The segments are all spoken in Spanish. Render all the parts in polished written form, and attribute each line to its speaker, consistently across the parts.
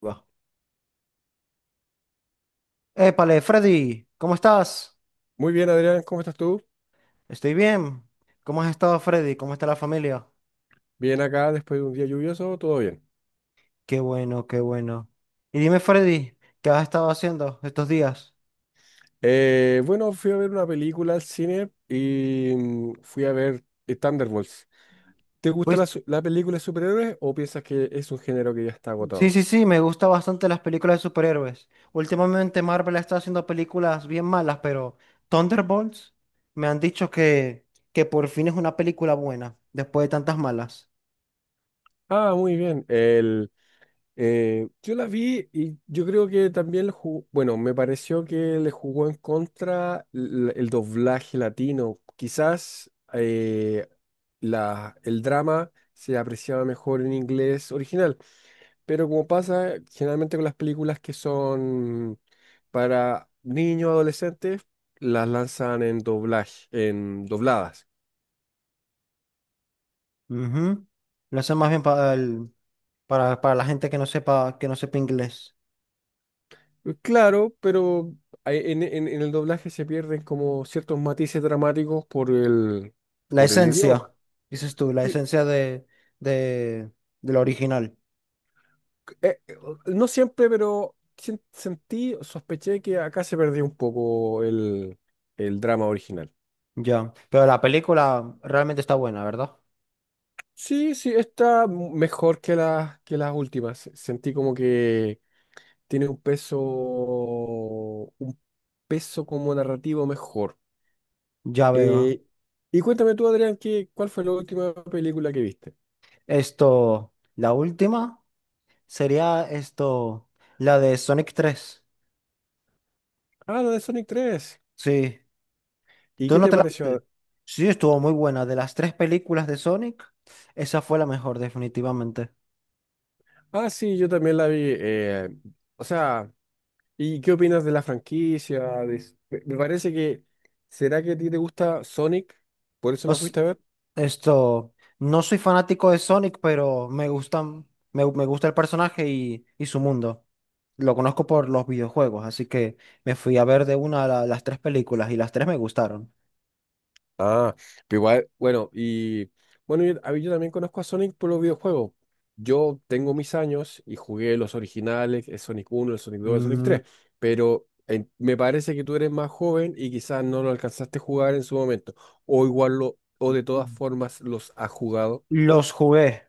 Speaker 1: Va. Épale, Freddy, ¿cómo estás?
Speaker 2: Muy bien, Adrián, ¿cómo estás tú?
Speaker 1: Estoy bien. ¿Cómo has estado, Freddy? ¿Cómo está la familia?
Speaker 2: Bien acá, después de un día lluvioso, todo bien.
Speaker 1: Qué bueno, qué bueno. Y dime, Freddy, ¿qué has estado haciendo estos días?
Speaker 2: Bueno, fui a ver una película al cine y fui a ver Thunderbolts. ¿Te gusta
Speaker 1: Pues
Speaker 2: la película de superhéroes o piensas que es un género que ya está
Speaker 1: sí,
Speaker 2: agotado?
Speaker 1: sí, sí, me gustan bastante las películas de superhéroes. Últimamente Marvel está haciendo películas bien malas, pero Thunderbolts me han dicho que por fin es una película buena, después de tantas malas.
Speaker 2: Ah, muy bien. Yo la vi y yo creo que también, bueno, me pareció que le jugó en contra el doblaje latino. Quizás eh, el drama se apreciaba mejor en inglés original. Pero como pasa generalmente con las películas que son para niños, adolescentes, las lanzan en doblaje, en dobladas.
Speaker 1: Ujú. Lo hacen más bien para la gente que no sepa inglés.
Speaker 2: Claro, pero en el doblaje se pierden como ciertos matices dramáticos por el,
Speaker 1: La
Speaker 2: por el
Speaker 1: esencia,
Speaker 2: idioma.
Speaker 1: dices tú, la
Speaker 2: Que-
Speaker 1: esencia de, del original.
Speaker 2: eh, eh, no siempre, pero sentí, sospeché que acá se perdió un poco el drama original.
Speaker 1: Ya. Pero la película realmente está buena, ¿verdad?
Speaker 2: Sí, sí, está mejor que las últimas. Sentí como que tiene un peso como narrativo mejor.
Speaker 1: Ya veo.
Speaker 2: Eh, y cuéntame tú, Adrián, ¿cuál fue la última película que viste?
Speaker 1: Esto, la última sería esto, la de Sonic tres.
Speaker 2: Ah, la de Sonic tres.
Speaker 1: Sí.
Speaker 2: ¿Y
Speaker 1: ¿Tú
Speaker 2: qué
Speaker 1: no
Speaker 2: te
Speaker 1: te la viste?
Speaker 2: pareció?
Speaker 1: Sí, estuvo muy buena. De las tres películas de Sonic, esa fue la mejor, definitivamente.
Speaker 2: Ah, sí, yo también la vi. O sea, ¿y qué opinas de la franquicia? Me parece que, ¿será que a ti te gusta Sonic? ¿Por eso la
Speaker 1: Os
Speaker 2: fuiste a ver?
Speaker 1: esto, no soy fanático de Sonic, pero me gustan, me gusta el personaje y su mundo. Lo conozco por los videojuegos, así que me fui a ver las tres películas y las tres me gustaron.
Speaker 2: Ah, pero igual, bueno, a mí yo también conozco a Sonic por los videojuegos. Yo tengo mis años y jugué los originales, el Sonic uno, el Sonic dos, el Sonic
Speaker 1: Mm,
Speaker 2: 3. Pero me parece que tú eres más joven y quizás no lo alcanzaste a jugar en su momento, o de todas formas los has jugado.
Speaker 1: los jugué.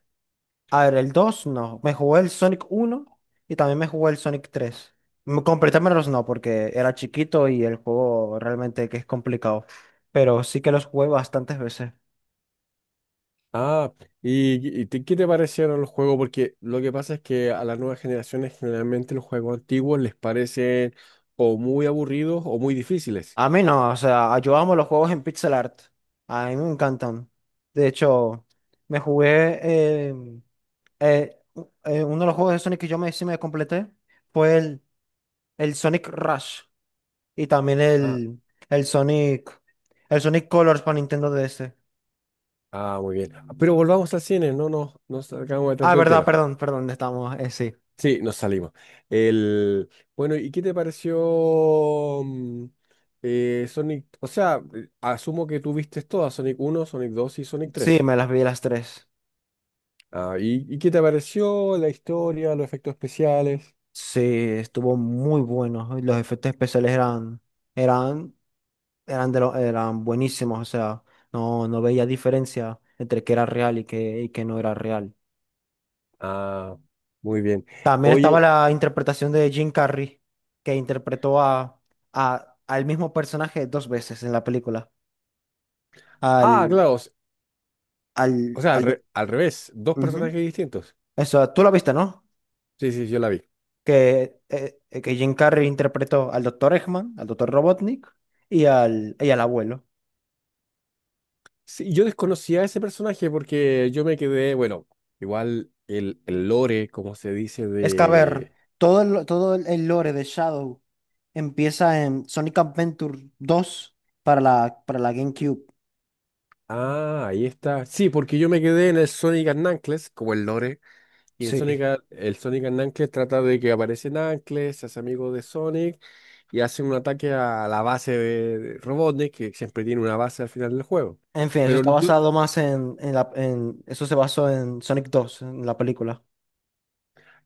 Speaker 1: A ver, el 2 no. Me jugué el Sonic uno y también me jugué el Sonic tres. Completármelos no, porque era chiquito y el juego realmente que es complicado. Pero sí que los jugué bastantes veces.
Speaker 2: Ah, ¿y qué te parecieron los juegos? Porque lo que pasa es que a las nuevas generaciones generalmente los juegos antiguos les parecen o muy aburridos o muy difíciles.
Speaker 1: A mí no, o sea, yo amo los juegos en pixel art. A mí me encantan. De hecho, me jugué. eh, Uno de los juegos de Sonic que yo me, sí me completé fue el Sonic Rush y también
Speaker 2: Ah,
Speaker 1: el Sonic, el Sonic Colors para Nintendo DS.
Speaker 2: ah, muy bien. Pero volvamos al cine, no nos no sacamos de
Speaker 1: Ah,
Speaker 2: tanto el
Speaker 1: verdad,
Speaker 2: tema.
Speaker 1: perdón, perdón, estamos, sí.
Speaker 2: Sí, nos salimos. El, bueno, ¿y qué te pareció Sonic? O sea, asumo que tú viste todas, Sonic uno, Sonic 2 y Sonic
Speaker 1: Sí,
Speaker 2: 3.
Speaker 1: me las vi las tres.
Speaker 2: Ah, ¿y, qué te pareció la historia, los efectos especiales?
Speaker 1: Sí, estuvo muy bueno. Y los efectos especiales eran, eran, eran buenísimos. O sea, no, no veía diferencia entre que era real y que no era real.
Speaker 2: Ah, muy bien.
Speaker 1: También estaba
Speaker 2: Oye,
Speaker 1: la interpretación de Jim Carrey, que interpretó a, al mismo personaje dos veces en la película.
Speaker 2: ah,
Speaker 1: Al,
Speaker 2: claro, o s- o
Speaker 1: al,
Speaker 2: sea, al,
Speaker 1: al doc-
Speaker 2: re- al revés, dos
Speaker 1: Ujú.
Speaker 2: personajes distintos.
Speaker 1: Eso, tú lo viste, ¿no?
Speaker 2: Sí, sí, yo la vi.
Speaker 1: Que Jim Carrey interpretó al doctor Eggman, al doctor Robotnik y al abuelo.
Speaker 2: Sí, yo desconocía a ese personaje porque yo me quedé, bueno, igual el lore, como se dice,
Speaker 1: Es que, a ver,
Speaker 2: de.
Speaker 1: todo el lore de Shadow empieza en Sonic Adventure dos para la GameCube.
Speaker 2: Ah, ahí está. Sí, porque yo me quedé en el Sonic and Knuckles, como el lore, y en
Speaker 1: Sí.
Speaker 2: Sonic, a- el Sonic and Knuckles trata de que aparece Knuckles, se hace amigo de Sonic, y hace un ataque a la base de Robotnik, que siempre tiene una base al final del juego.
Speaker 1: En fin, eso
Speaker 2: Pero
Speaker 1: está
Speaker 2: yo.
Speaker 1: basado más en la, en, eso se basó en Sonic 2, en la película.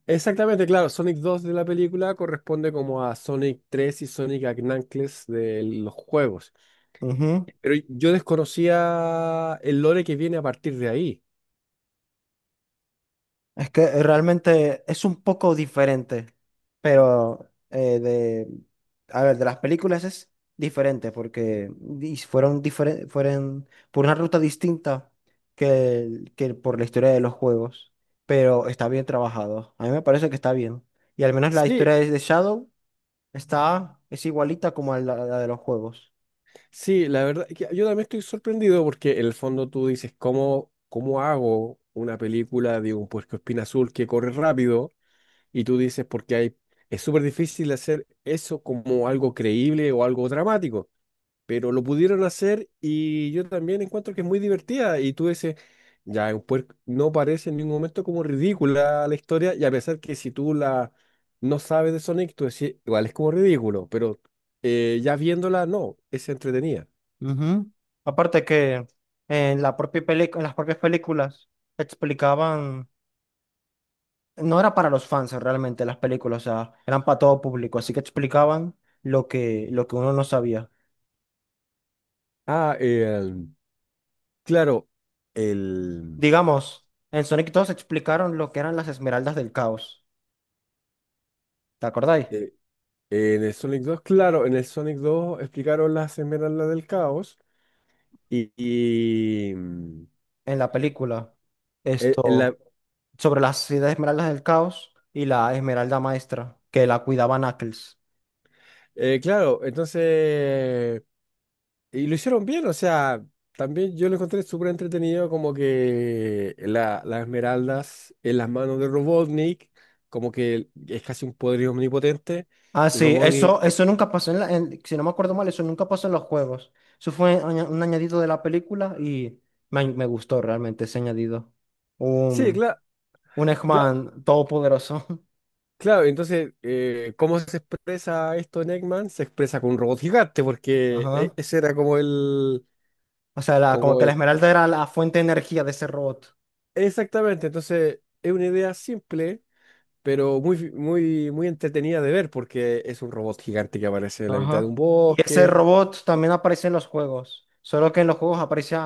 Speaker 2: Exactamente, claro, Sonic 2 de la película corresponde como a Sonic 3 y Sonic and Knuckles de los juegos.
Speaker 1: Ujú.
Speaker 2: Pero yo desconocía el lore que viene a partir de ahí.
Speaker 1: Es que realmente es un poco diferente, pero de, a ver, de las películas es diferente fueron fueron por una ruta distinta que por la historia de los juegos, pero está bien trabajado. A mí me parece que está bien. Y al menos la historia
Speaker 2: Sí,
Speaker 1: de Shadow está, es igualita como a la la de los juegos.
Speaker 2: sí, la verdad, que yo también estoy sorprendido porque en el fondo tú dices, ¿cómo hago una película de un puercoespín azul que corre rápido? Y tú dices, es súper difícil hacer eso como algo creíble o algo dramático. Pero lo pudieron hacer y yo también encuentro que es muy divertida. Y tú dices, ya, no parece en ningún momento como ridícula la historia, y a pesar que si tú la no sabes de Sonic, tú decís, igual es como ridículo, pero ya viéndola, no, es entretenida.
Speaker 1: Ujú. Aparte que en las propias películas explicaban, no era para los fans realmente las películas, o sea, eran para todo público, así que explicaban lo que uno no sabía.
Speaker 2: Ah, claro, el,
Speaker 1: Digamos, en Sonic 2 explicaron lo que eran las esmeraldas del caos, ¿te acordáis?
Speaker 2: eh, en el Sonic 2, claro, en el Sonic 2 explicaron las esmeraldas del caos y, y, mm,
Speaker 1: En la película,
Speaker 2: eh,
Speaker 1: esto,
Speaker 2: la-
Speaker 1: sobre las siete esmeraldas del caos y la esmeralda maestra, que la cuidaba Knuckles.
Speaker 2: claro, entonces y lo hicieron bien. O sea, también yo lo encontré súper entretenido, como que las esmeraldas en las manos de Robotnik, como que es casi un poder omnipotente.
Speaker 1: Ah, sí,
Speaker 2: Robotnik,
Speaker 1: eso nunca pasó en la, si no me acuerdo mal, eso nunca pasó en los juegos. Un añadido de la película y me gustó realmente ese añadido.
Speaker 2: sí,
Speaker 1: Un,
Speaker 2: claro,
Speaker 1: un
Speaker 2: claro,
Speaker 1: Eggman todopoderoso.
Speaker 2: claro. Entonces, ¿cómo se expresa esto en Eggman? Se expresa con un robot gigante, porque
Speaker 1: Ajá.
Speaker 2: ese era como el,
Speaker 1: O sea, como
Speaker 2: como
Speaker 1: que la
Speaker 2: el,
Speaker 1: esmeralda era la fuente de energía de ese robot.
Speaker 2: exactamente. Entonces, es una idea simple. Pero muy, muy, muy entretenida de ver porque es un robot gigante que aparece en la mitad de
Speaker 1: Ajá.
Speaker 2: un
Speaker 1: Y ese
Speaker 2: bosque.
Speaker 1: robot también aparece en los juegos, solo que en los juegos aparece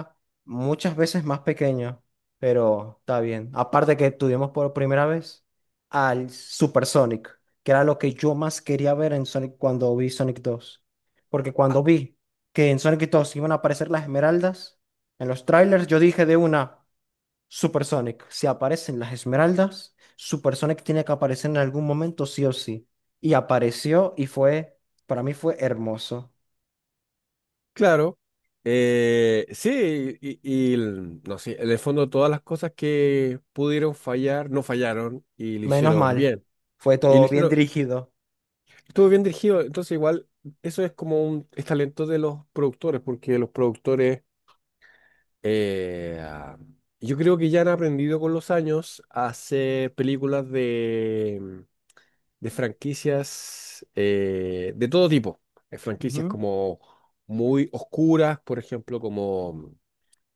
Speaker 1: muchas veces más pequeño, pero está bien. Aparte que tuvimos por primera vez al Super Sonic, que era lo que yo más quería ver en Sonic cuando vi Sonic dos. Porque cuando vi que en Sonic 2 iban a aparecer las esmeraldas en los trailers, yo dije de una. Super Sonic, si aparecen las esmeraldas, Super Sonic tiene que aparecer en algún momento sí o sí. Y apareció y fue, para mí fue hermoso.
Speaker 2: Claro. Sí, no sé, en el fondo todas las cosas que pudieron fallar, no fallaron y lo
Speaker 1: Menos
Speaker 2: hicieron
Speaker 1: mal,
Speaker 2: bien.
Speaker 1: fue
Speaker 2: Y lo
Speaker 1: todo bien
Speaker 2: hicieron,
Speaker 1: dirigido.
Speaker 2: Estuvo bien dirigido, entonces igual eso es como un es talento de los productores, porque los productores, eh, ah, yo creo que ya han aprendido con los años a hacer películas de franquicias de todo tipo. Franquicias
Speaker 1: Ujú.
Speaker 2: como muy oscuras, por ejemplo, como... mm,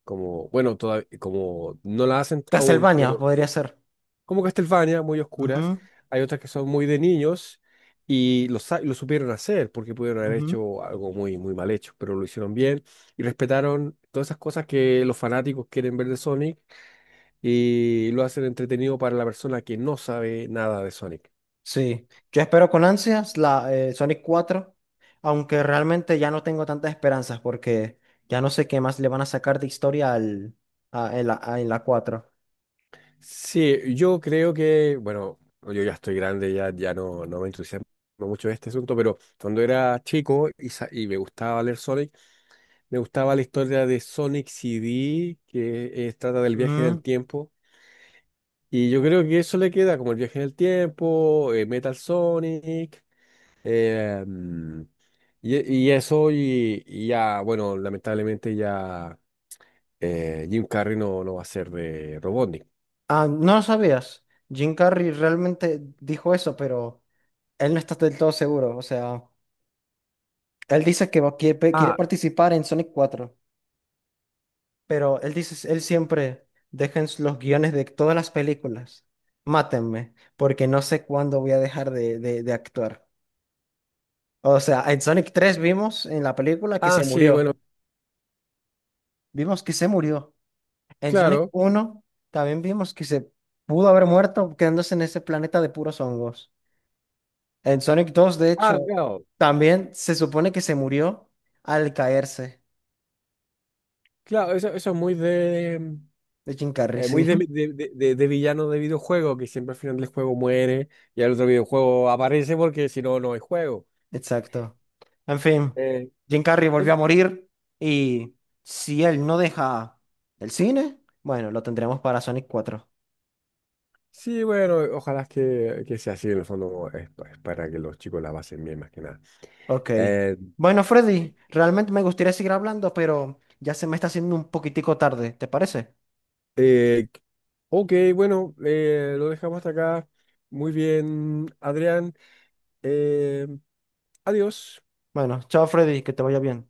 Speaker 2: como, bueno, toda- como no la hacen aún,
Speaker 1: Castlevania
Speaker 2: pero
Speaker 1: podría ser.
Speaker 2: como Castlevania, muy oscuras. Hay otras que son muy de niños y lo supieron hacer porque pudieron
Speaker 1: Ujú,
Speaker 2: haber
Speaker 1: ujú.
Speaker 2: hecho algo muy, muy mal hecho, pero lo hicieron bien y respetaron todas esas cosas que los fanáticos quieren ver de Sonic y lo hacen entretenido para la persona que no sabe nada de Sonic.
Speaker 1: Sí, yo espero con ansias la Sonic cuatro, aunque realmente ya no tengo tantas esperanzas porque ya no sé qué más le van a sacar de historia al, en la, en la 4.
Speaker 2: Sí, yo creo que, bueno, yo ya estoy grande, ya no me entusiasma mucho este asunto, pero cuando era chico y me gustaba leer Sonic. Me gustaba la historia de Sonic CD, que trata del viaje en el tiempo. Y yo creo que eso le queda como el viaje en el tiempo, Metal Sonic, mm, y, y eso, y ya, bueno, lamentablemente ya Jim Carrey no, no va a ser de Robotnik.
Speaker 1: Ah, no lo sabías. Jim Carrey realmente dijo eso, pero él no está del todo seguro. O sea, él dice quiere, quiere
Speaker 2: Ah,
Speaker 1: participar en Sonic cuatro, pero él dice, él siempre deja en los guiones de todas las películas. Mátenme, porque no sé cuándo voy a dejar de, de actuar. O sea, en Sonic tres vimos en la película que
Speaker 2: ah,
Speaker 1: se
Speaker 2: sí,
Speaker 1: murió.
Speaker 2: bueno,
Speaker 1: Vimos que se murió. En Sonic
Speaker 2: claro.
Speaker 1: uno también vimos que se pudo haber muerto quedándose en ese planeta de puros hongos. En Sonic 2, de
Speaker 2: Ah,
Speaker 1: hecho,
Speaker 2: claro,
Speaker 1: también se supone que se murió al caerse
Speaker 2: claro, eso es muy de.
Speaker 1: de Jim Carrey,
Speaker 2: Muy
Speaker 1: sí,
Speaker 2: de villano de videojuego, que siempre al final del juego muere y el otro videojuego aparece porque si no, no hay juego.
Speaker 1: exacto. En fin,
Speaker 2: Eh,
Speaker 1: Jim Carrey volvió
Speaker 2: es-
Speaker 1: a morir y si él no deja el cine, bueno, lo tendremos para Sonic cuatro.
Speaker 2: sí, bueno, ojalá que sea así, en el fondo es para que los chicos la pasen bien, más que nada.
Speaker 1: Ok.
Speaker 2: Eh,
Speaker 1: Bueno, Freddy, realmente me gustaría seguir hablando, pero ya se me está haciendo un poquitico tarde, ¿te parece?
Speaker 2: eh, ok, bueno, lo dejamos hasta acá. Muy bien, Adrián. Eh, Adiós.
Speaker 1: Bueno, chao Freddy, que te vaya bien.